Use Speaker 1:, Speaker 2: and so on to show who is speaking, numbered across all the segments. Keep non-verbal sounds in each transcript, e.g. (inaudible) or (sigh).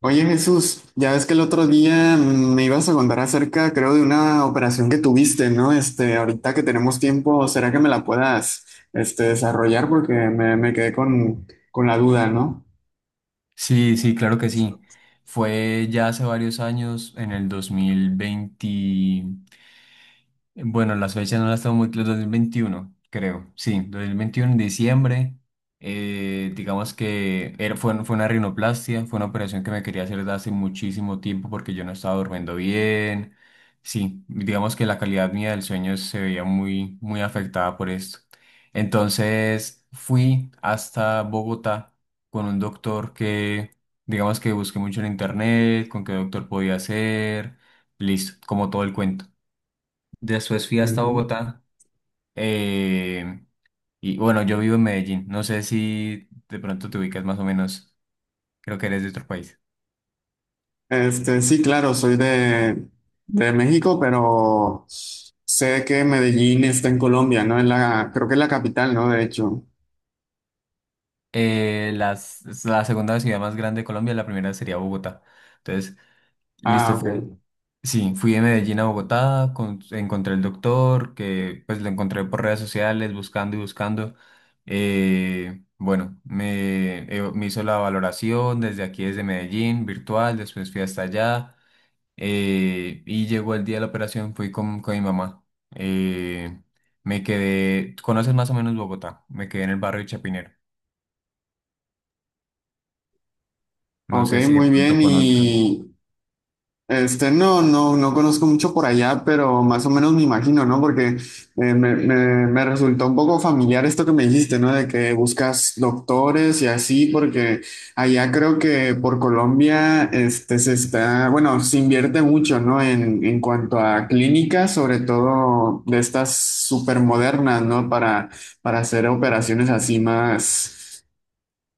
Speaker 1: Oye Jesús, ya ves que el otro día me ibas a contar acerca, creo, de una operación que tuviste, ¿no? Ahorita que tenemos tiempo, ¿será que me la puedas, desarrollar? Porque me quedé con la duda, ¿no?
Speaker 2: Sí, sí, claro que sí. Fue ya hace varios años, en el 2020, bueno, las fechas no las tengo muy claras. 2021, creo. Sí, 2021 en diciembre. Digamos que era, fue una rinoplastia, fue una operación que me quería hacer desde hace muchísimo tiempo porque yo no estaba durmiendo bien. Sí, digamos que la calidad mía del sueño se veía muy, muy afectada por esto. Entonces fui hasta Bogotá con un doctor que, digamos que busqué mucho en internet, con qué doctor podía hacer, listo, como todo el cuento. Después fui hasta
Speaker 1: Ujú.
Speaker 2: Bogotá. eh, y bueno, yo vivo en Medellín. No sé si de pronto te ubicas más o menos. Creo que eres de otro país.
Speaker 1: Sí, claro, soy de México, pero sé que Medellín está en Colombia, ¿no? En la, creo que es la capital, ¿no? De hecho.
Speaker 2: La segunda ciudad más grande de Colombia, la primera sería Bogotá. Entonces, listo,
Speaker 1: Ah, ok.
Speaker 2: fue. Sí, fui de Medellín a Bogotá, encontré el doctor, que pues lo encontré por redes sociales, buscando y buscando. Bueno, me hizo la valoración desde aquí, desde Medellín, virtual, después fui hasta allá. Y llegó el día de la operación, fui con mi mamá. Eh, Me quedé, conoces más o menos Bogotá, me quedé en el barrio de Chapinero. No
Speaker 1: Ok,
Speaker 2: sé si de
Speaker 1: muy bien.
Speaker 2: pronto conozcas.
Speaker 1: No, no, no conozco mucho por allá, pero más o menos me imagino, ¿no? Porque me resultó un poco familiar esto que me dijiste, ¿no? De que buscas doctores y así, porque allá creo que por Colombia, bueno, se invierte mucho, ¿no? En cuanto a clínicas, sobre todo de estas supermodernas, ¿no? para, hacer operaciones así más.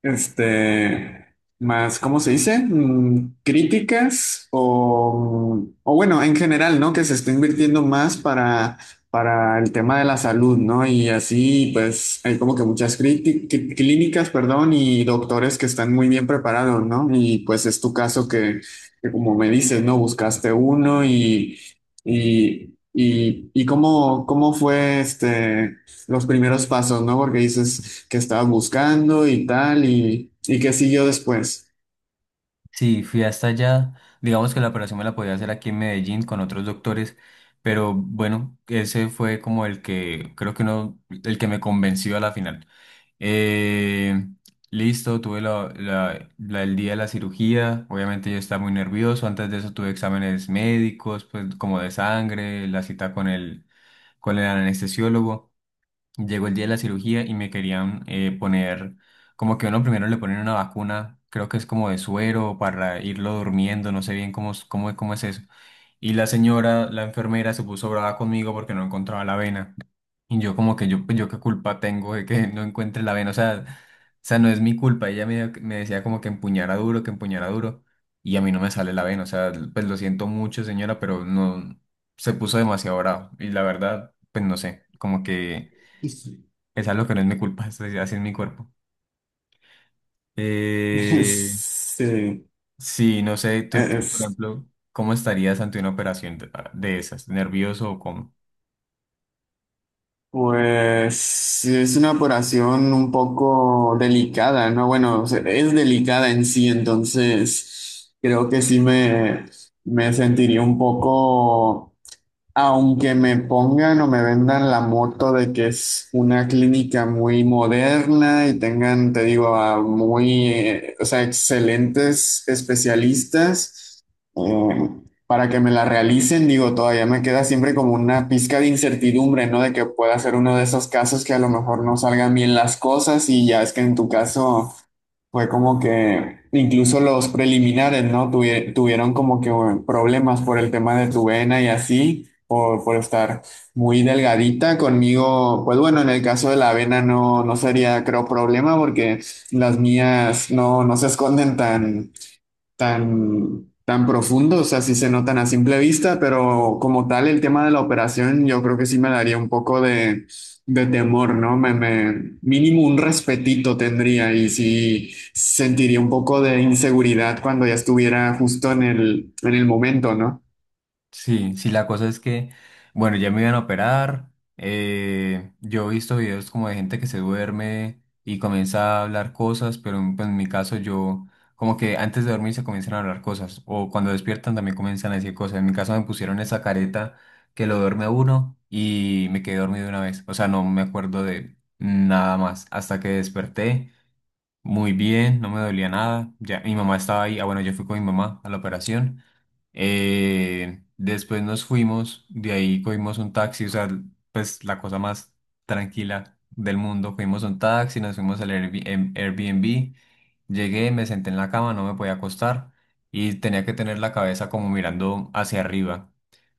Speaker 1: Este, Más, ¿cómo se dice? Críticas o bueno, en general, ¿no? Que se está invirtiendo más para el tema de la salud, ¿no? Y así, pues, hay como que muchas clínicas, perdón, y doctores que están muy bien preparados, ¿no? Y pues es tu caso que como me dices, ¿no? Buscaste uno y cómo fue los primeros pasos, ¿no? Porque dices que estabas buscando y tal, y qué siguió después.
Speaker 2: Sí, fui hasta allá. Digamos que la operación me la podía hacer aquí en Medellín con otros doctores, pero bueno, ese fue como el que creo que no, el que me convenció a la final. Eh, Listo, tuve el día de la cirugía. Obviamente yo estaba muy nervioso. Antes de eso tuve exámenes médicos, pues como de sangre, la cita con el anestesiólogo. Llegó el día de la cirugía y me querían poner, como que uno primero le ponen una vacuna, creo que es como de suero para irlo durmiendo, no sé bien cómo, cómo, cómo es eso. Y la señora, la enfermera, se puso brava conmigo porque no encontraba la vena. Y yo como que yo, pues, yo qué culpa tengo de que no encuentre la vena, o sea, no es mi culpa, ella me decía como que empuñara duro, y a mí no me sale la vena, o sea, pues lo siento mucho señora, pero no, se puso demasiado bravo, y la verdad, pues no sé, como que es algo que no es mi culpa, (laughs) decir así es mi cuerpo. Eh,
Speaker 1: (laughs) Sí,
Speaker 2: sí, no sé, tú, por
Speaker 1: es-
Speaker 2: ejemplo, ¿cómo estarías ante una operación de esas? ¿Nervioso o cómo?
Speaker 1: pues sí, es una operación un poco delicada, ¿no? Bueno, o sea, es delicada en sí, entonces creo que sí me sentiría un poco. Aunque me pongan o me vendan la moto de que es una clínica muy moderna y tengan, te digo, a muy, o sea, excelentes especialistas, eh, para que me la realicen, digo, todavía me queda siempre como una pizca de incertidumbre, ¿no? De que pueda ser uno de esos casos que a lo mejor no salgan bien las cosas y ya es que en tu caso. Fue como que incluso los preliminares, ¿no? Tuvieron como que bueno, problemas por el tema de tu vena y así, por, estar muy delgadita conmigo. Pues bueno, en el caso de la vena no, no, sería, creo, problema porque las mías no se esconden tan, tan, tan profundo, o sea, sí se notan a simple vista, pero como tal el tema de la operación yo creo que sí me daría un poco de, temor, ¿no? Mínimo un respetito tendría y sí sentiría un poco de inseguridad cuando ya estuviera justo en el momento, ¿no?
Speaker 2: Sí, sí, la cosa es que, bueno, ya me iban a operar. Yo he visto videos como de gente que se duerme y comienza a hablar cosas, pero en, pues, en mi caso yo, como que antes de dormir se comienzan a hablar cosas, o cuando despiertan también comienzan a decir cosas. En mi caso me pusieron esa careta que lo duerme a uno y me quedé dormido de una vez. O sea, no me acuerdo de nada más hasta que desperté. Muy bien, no me dolía nada. Ya, mi mamá estaba ahí. Ah, bueno, yo fui con mi mamá a la operación. Después nos fuimos, de ahí cogimos un taxi, o sea, pues la cosa más tranquila del mundo. Cogimos un taxi, nos fuimos al Airbnb. Llegué, me senté en la cama, no me podía acostar y tenía que tener la cabeza como mirando hacia arriba,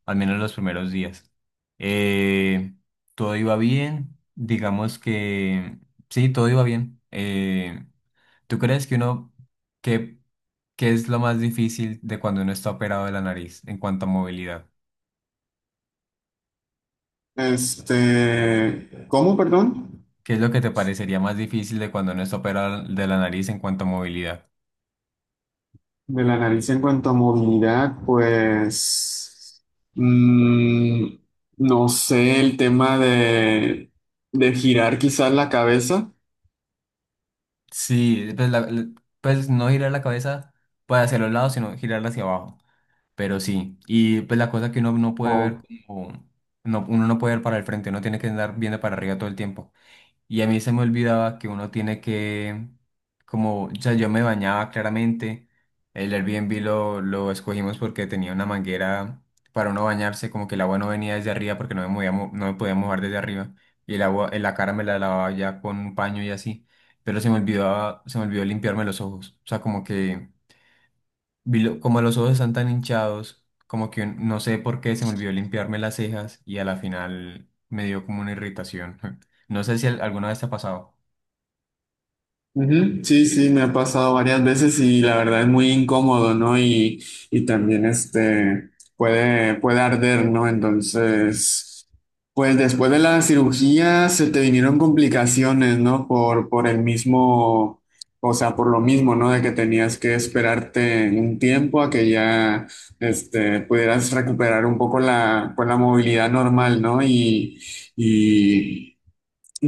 Speaker 2: al menos los primeros días. Eh, Todo iba bien, digamos que sí, todo iba bien. ¿Tú crees que uno, qué, qué es lo más difícil de cuando uno está operado de la nariz en cuanto a movilidad?
Speaker 1: ¿Cómo, perdón?
Speaker 2: ¿Qué es lo que te parecería más difícil de cuando uno está operado de la nariz en cuanto a movilidad?
Speaker 1: De la nariz en cuanto a movilidad, pues mm, no sé, el tema de, girar quizás la cabeza
Speaker 2: Sí, pues, pues no girar la cabeza para hacia los lados, sino girarla hacia abajo. Pero sí, y pues la cosa que uno no puede ver,
Speaker 1: o.
Speaker 2: como, no, uno no puede ver para el frente, uno tiene que andar viendo para arriba todo el tiempo. Y a mí se me olvidaba que uno tiene que, como, o sea, yo me bañaba claramente. El Airbnb lo escogimos porque tenía una manguera para uno bañarse, como que el agua no venía desde arriba porque no me movía no me podía mojar desde arriba. Y el agua, en la cara me la lavaba ya con un paño y así. Pero se me olvidaba, se me olvidó limpiarme los ojos. O sea, como que, como los ojos están tan hinchados, como que no sé por qué se me olvidó limpiarme las cejas y a la final me dio como una irritación. (laughs) No sé si alguna vez te ha pasado.
Speaker 1: Ujú. Sí, sí, me ha pasado varias veces y la verdad es muy incómodo, ¿no? y, también puede arder, ¿no? Entonces, pues después de la cirugía se te vinieron complicaciones, ¿no? por el mismo, o sea, por lo mismo, ¿no? De que tenías que esperarte un tiempo a que ya pudieras recuperar un poco la, pues, la movilidad normal, ¿no? y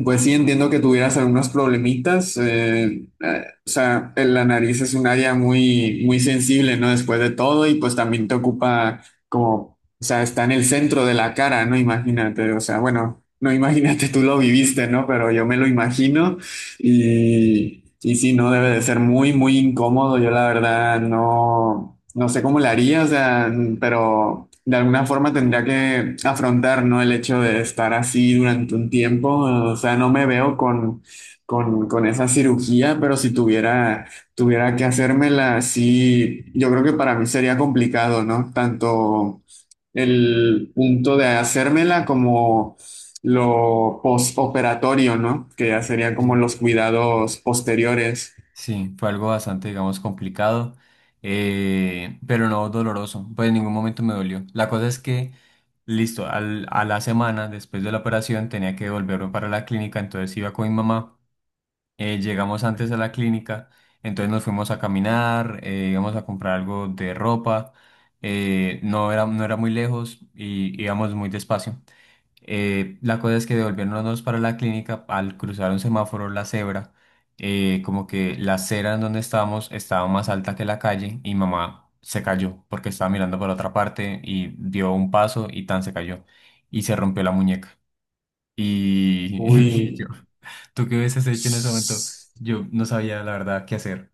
Speaker 1: pues sí, entiendo que tuvieras algunos problemitas. O sea, en la nariz es un área muy, muy sensible, ¿no? Después de todo, y pues también te ocupa como, o sea, está en el centro de la cara, ¿no? Imagínate, o sea, bueno, no imagínate, (laughs) tú lo viviste, ¿no? Pero yo me lo imagino. y, sí, no debe de ser muy, muy incómodo. Yo la verdad no sé cómo le haría, o sea, pero de alguna forma tendría que afrontar, ¿no? El hecho de estar así durante un tiempo. O sea, no me veo con, esa cirugía, pero si tuviera que hacérmela, sí, yo creo que para mí sería complicado, ¿no? Tanto el punto de hacérmela como lo postoperatorio, ¿no? Que ya serían como
Speaker 2: Sí,
Speaker 1: los cuidados posteriores.
Speaker 2: sí, fue algo bastante, digamos, complicado, pero no doloroso, pues en ningún momento me dolió. La cosa es que, listo, a la semana después de la operación tenía que volverme para la clínica, entonces iba con mi mamá, llegamos antes a la clínica, entonces nos fuimos a caminar, íbamos a comprar algo de ropa, no era muy lejos y íbamos muy despacio. La cosa es que devolviéndonos para la clínica, al cruzar un semáforo, la cebra, como que la acera en donde estábamos estaba más alta que la calle y mamá se cayó porque estaba mirando para otra parte y dio un paso y tan se cayó y se rompió la muñeca. Y, (laughs)
Speaker 1: Uy.
Speaker 2: y yo, ¿tú qué hubieses hecho en ese momento? Yo no sabía la verdad qué hacer.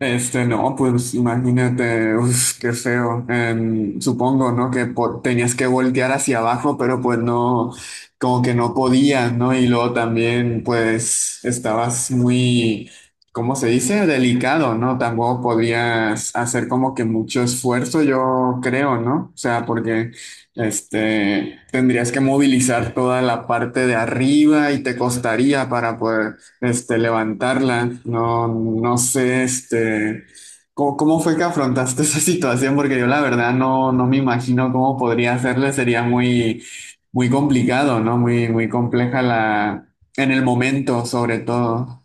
Speaker 1: No, pues imagínate, uf, qué feo. Supongo, ¿no? Que tenías que voltear hacia abajo, pero pues no, como que no podías, ¿no? Y luego también, pues, estabas muy, ¿cómo se dice? Delicado, ¿no? Tampoco podías hacer como que mucho esfuerzo, yo creo, ¿no? O sea, porque, tendrías que movilizar toda la parte de arriba y te costaría para poder levantarla. No, no sé, ¿cómo fue que afrontaste (laughs) esa situación? Porque yo la verdad no, me imagino cómo podría hacerle. Sería muy, muy complicado, ¿no? Muy, muy compleja la, en el momento, sobre todo.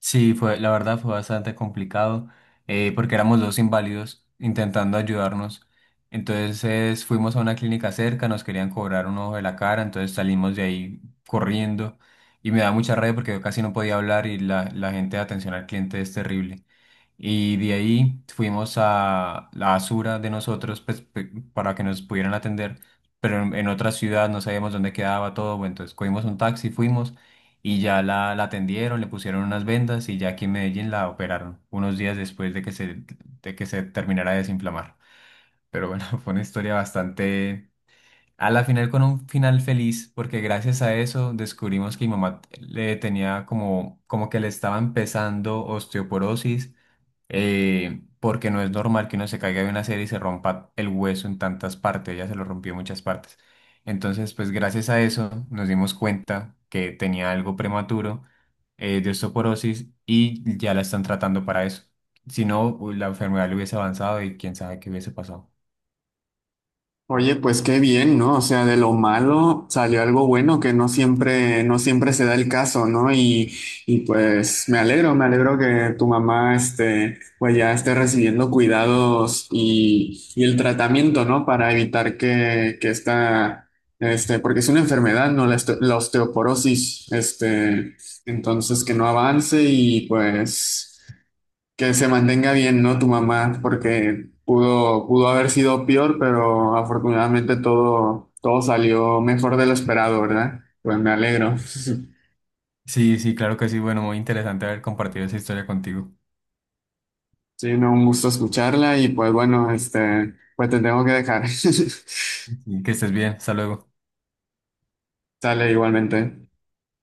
Speaker 2: Sí, fue, la verdad fue bastante complicado porque éramos dos inválidos intentando ayudarnos. Entonces fuimos a una clínica cerca, nos querían cobrar un ojo de la cara, entonces salimos de ahí corriendo y me da mucha rabia porque yo casi no podía hablar y la gente de atención al cliente es terrible. Y de ahí fuimos a la Asura de nosotros pues, para que nos pudieran atender, pero en otra ciudad no sabíamos dónde quedaba todo, bueno, entonces cogimos un taxi, fuimos y ya la atendieron, le pusieron unas vendas y ya aquí en Medellín la operaron unos días después de que se terminara de desinflamar. Pero bueno, (laughs) fue una historia bastante... A la final con un final feliz, porque gracias a eso descubrimos que mi mamá le tenía como, como que le estaba empezando osteoporosis porque no es normal que uno se caiga de una serie y se rompa el hueso en tantas partes, ella se lo rompió en muchas partes. Entonces, pues gracias a eso nos dimos cuenta que tenía algo prematuro de osteoporosis y ya la están tratando para eso. Si no, uy, la enfermedad le hubiese avanzado y quién sabe qué hubiese pasado.
Speaker 1: Oye, pues qué bien, ¿no? O sea, de lo malo salió algo bueno que no siempre, no siempre se da el caso, ¿no? Y, y, pues me alegro que tu mamá pues ya esté recibiendo cuidados y, el tratamiento, ¿no? Para evitar que porque es una enfermedad, ¿no? La, este- la osteoporosis, entonces que no avance y pues que se mantenga bien, ¿no? Tu mamá, porque pudo, haber sido peor, pero afortunadamente todo salió mejor de lo esperado, ¿verdad? Pues me alegro.
Speaker 2: Sí, sí, claro que sí. Bueno, muy interesante haber compartido esa historia contigo.
Speaker 1: Sí, no, un gusto escucharla y pues bueno, pues te tengo que dejar. (laughs)
Speaker 2: Sí, que estés bien. Hasta luego.
Speaker 1: Sale igualmente.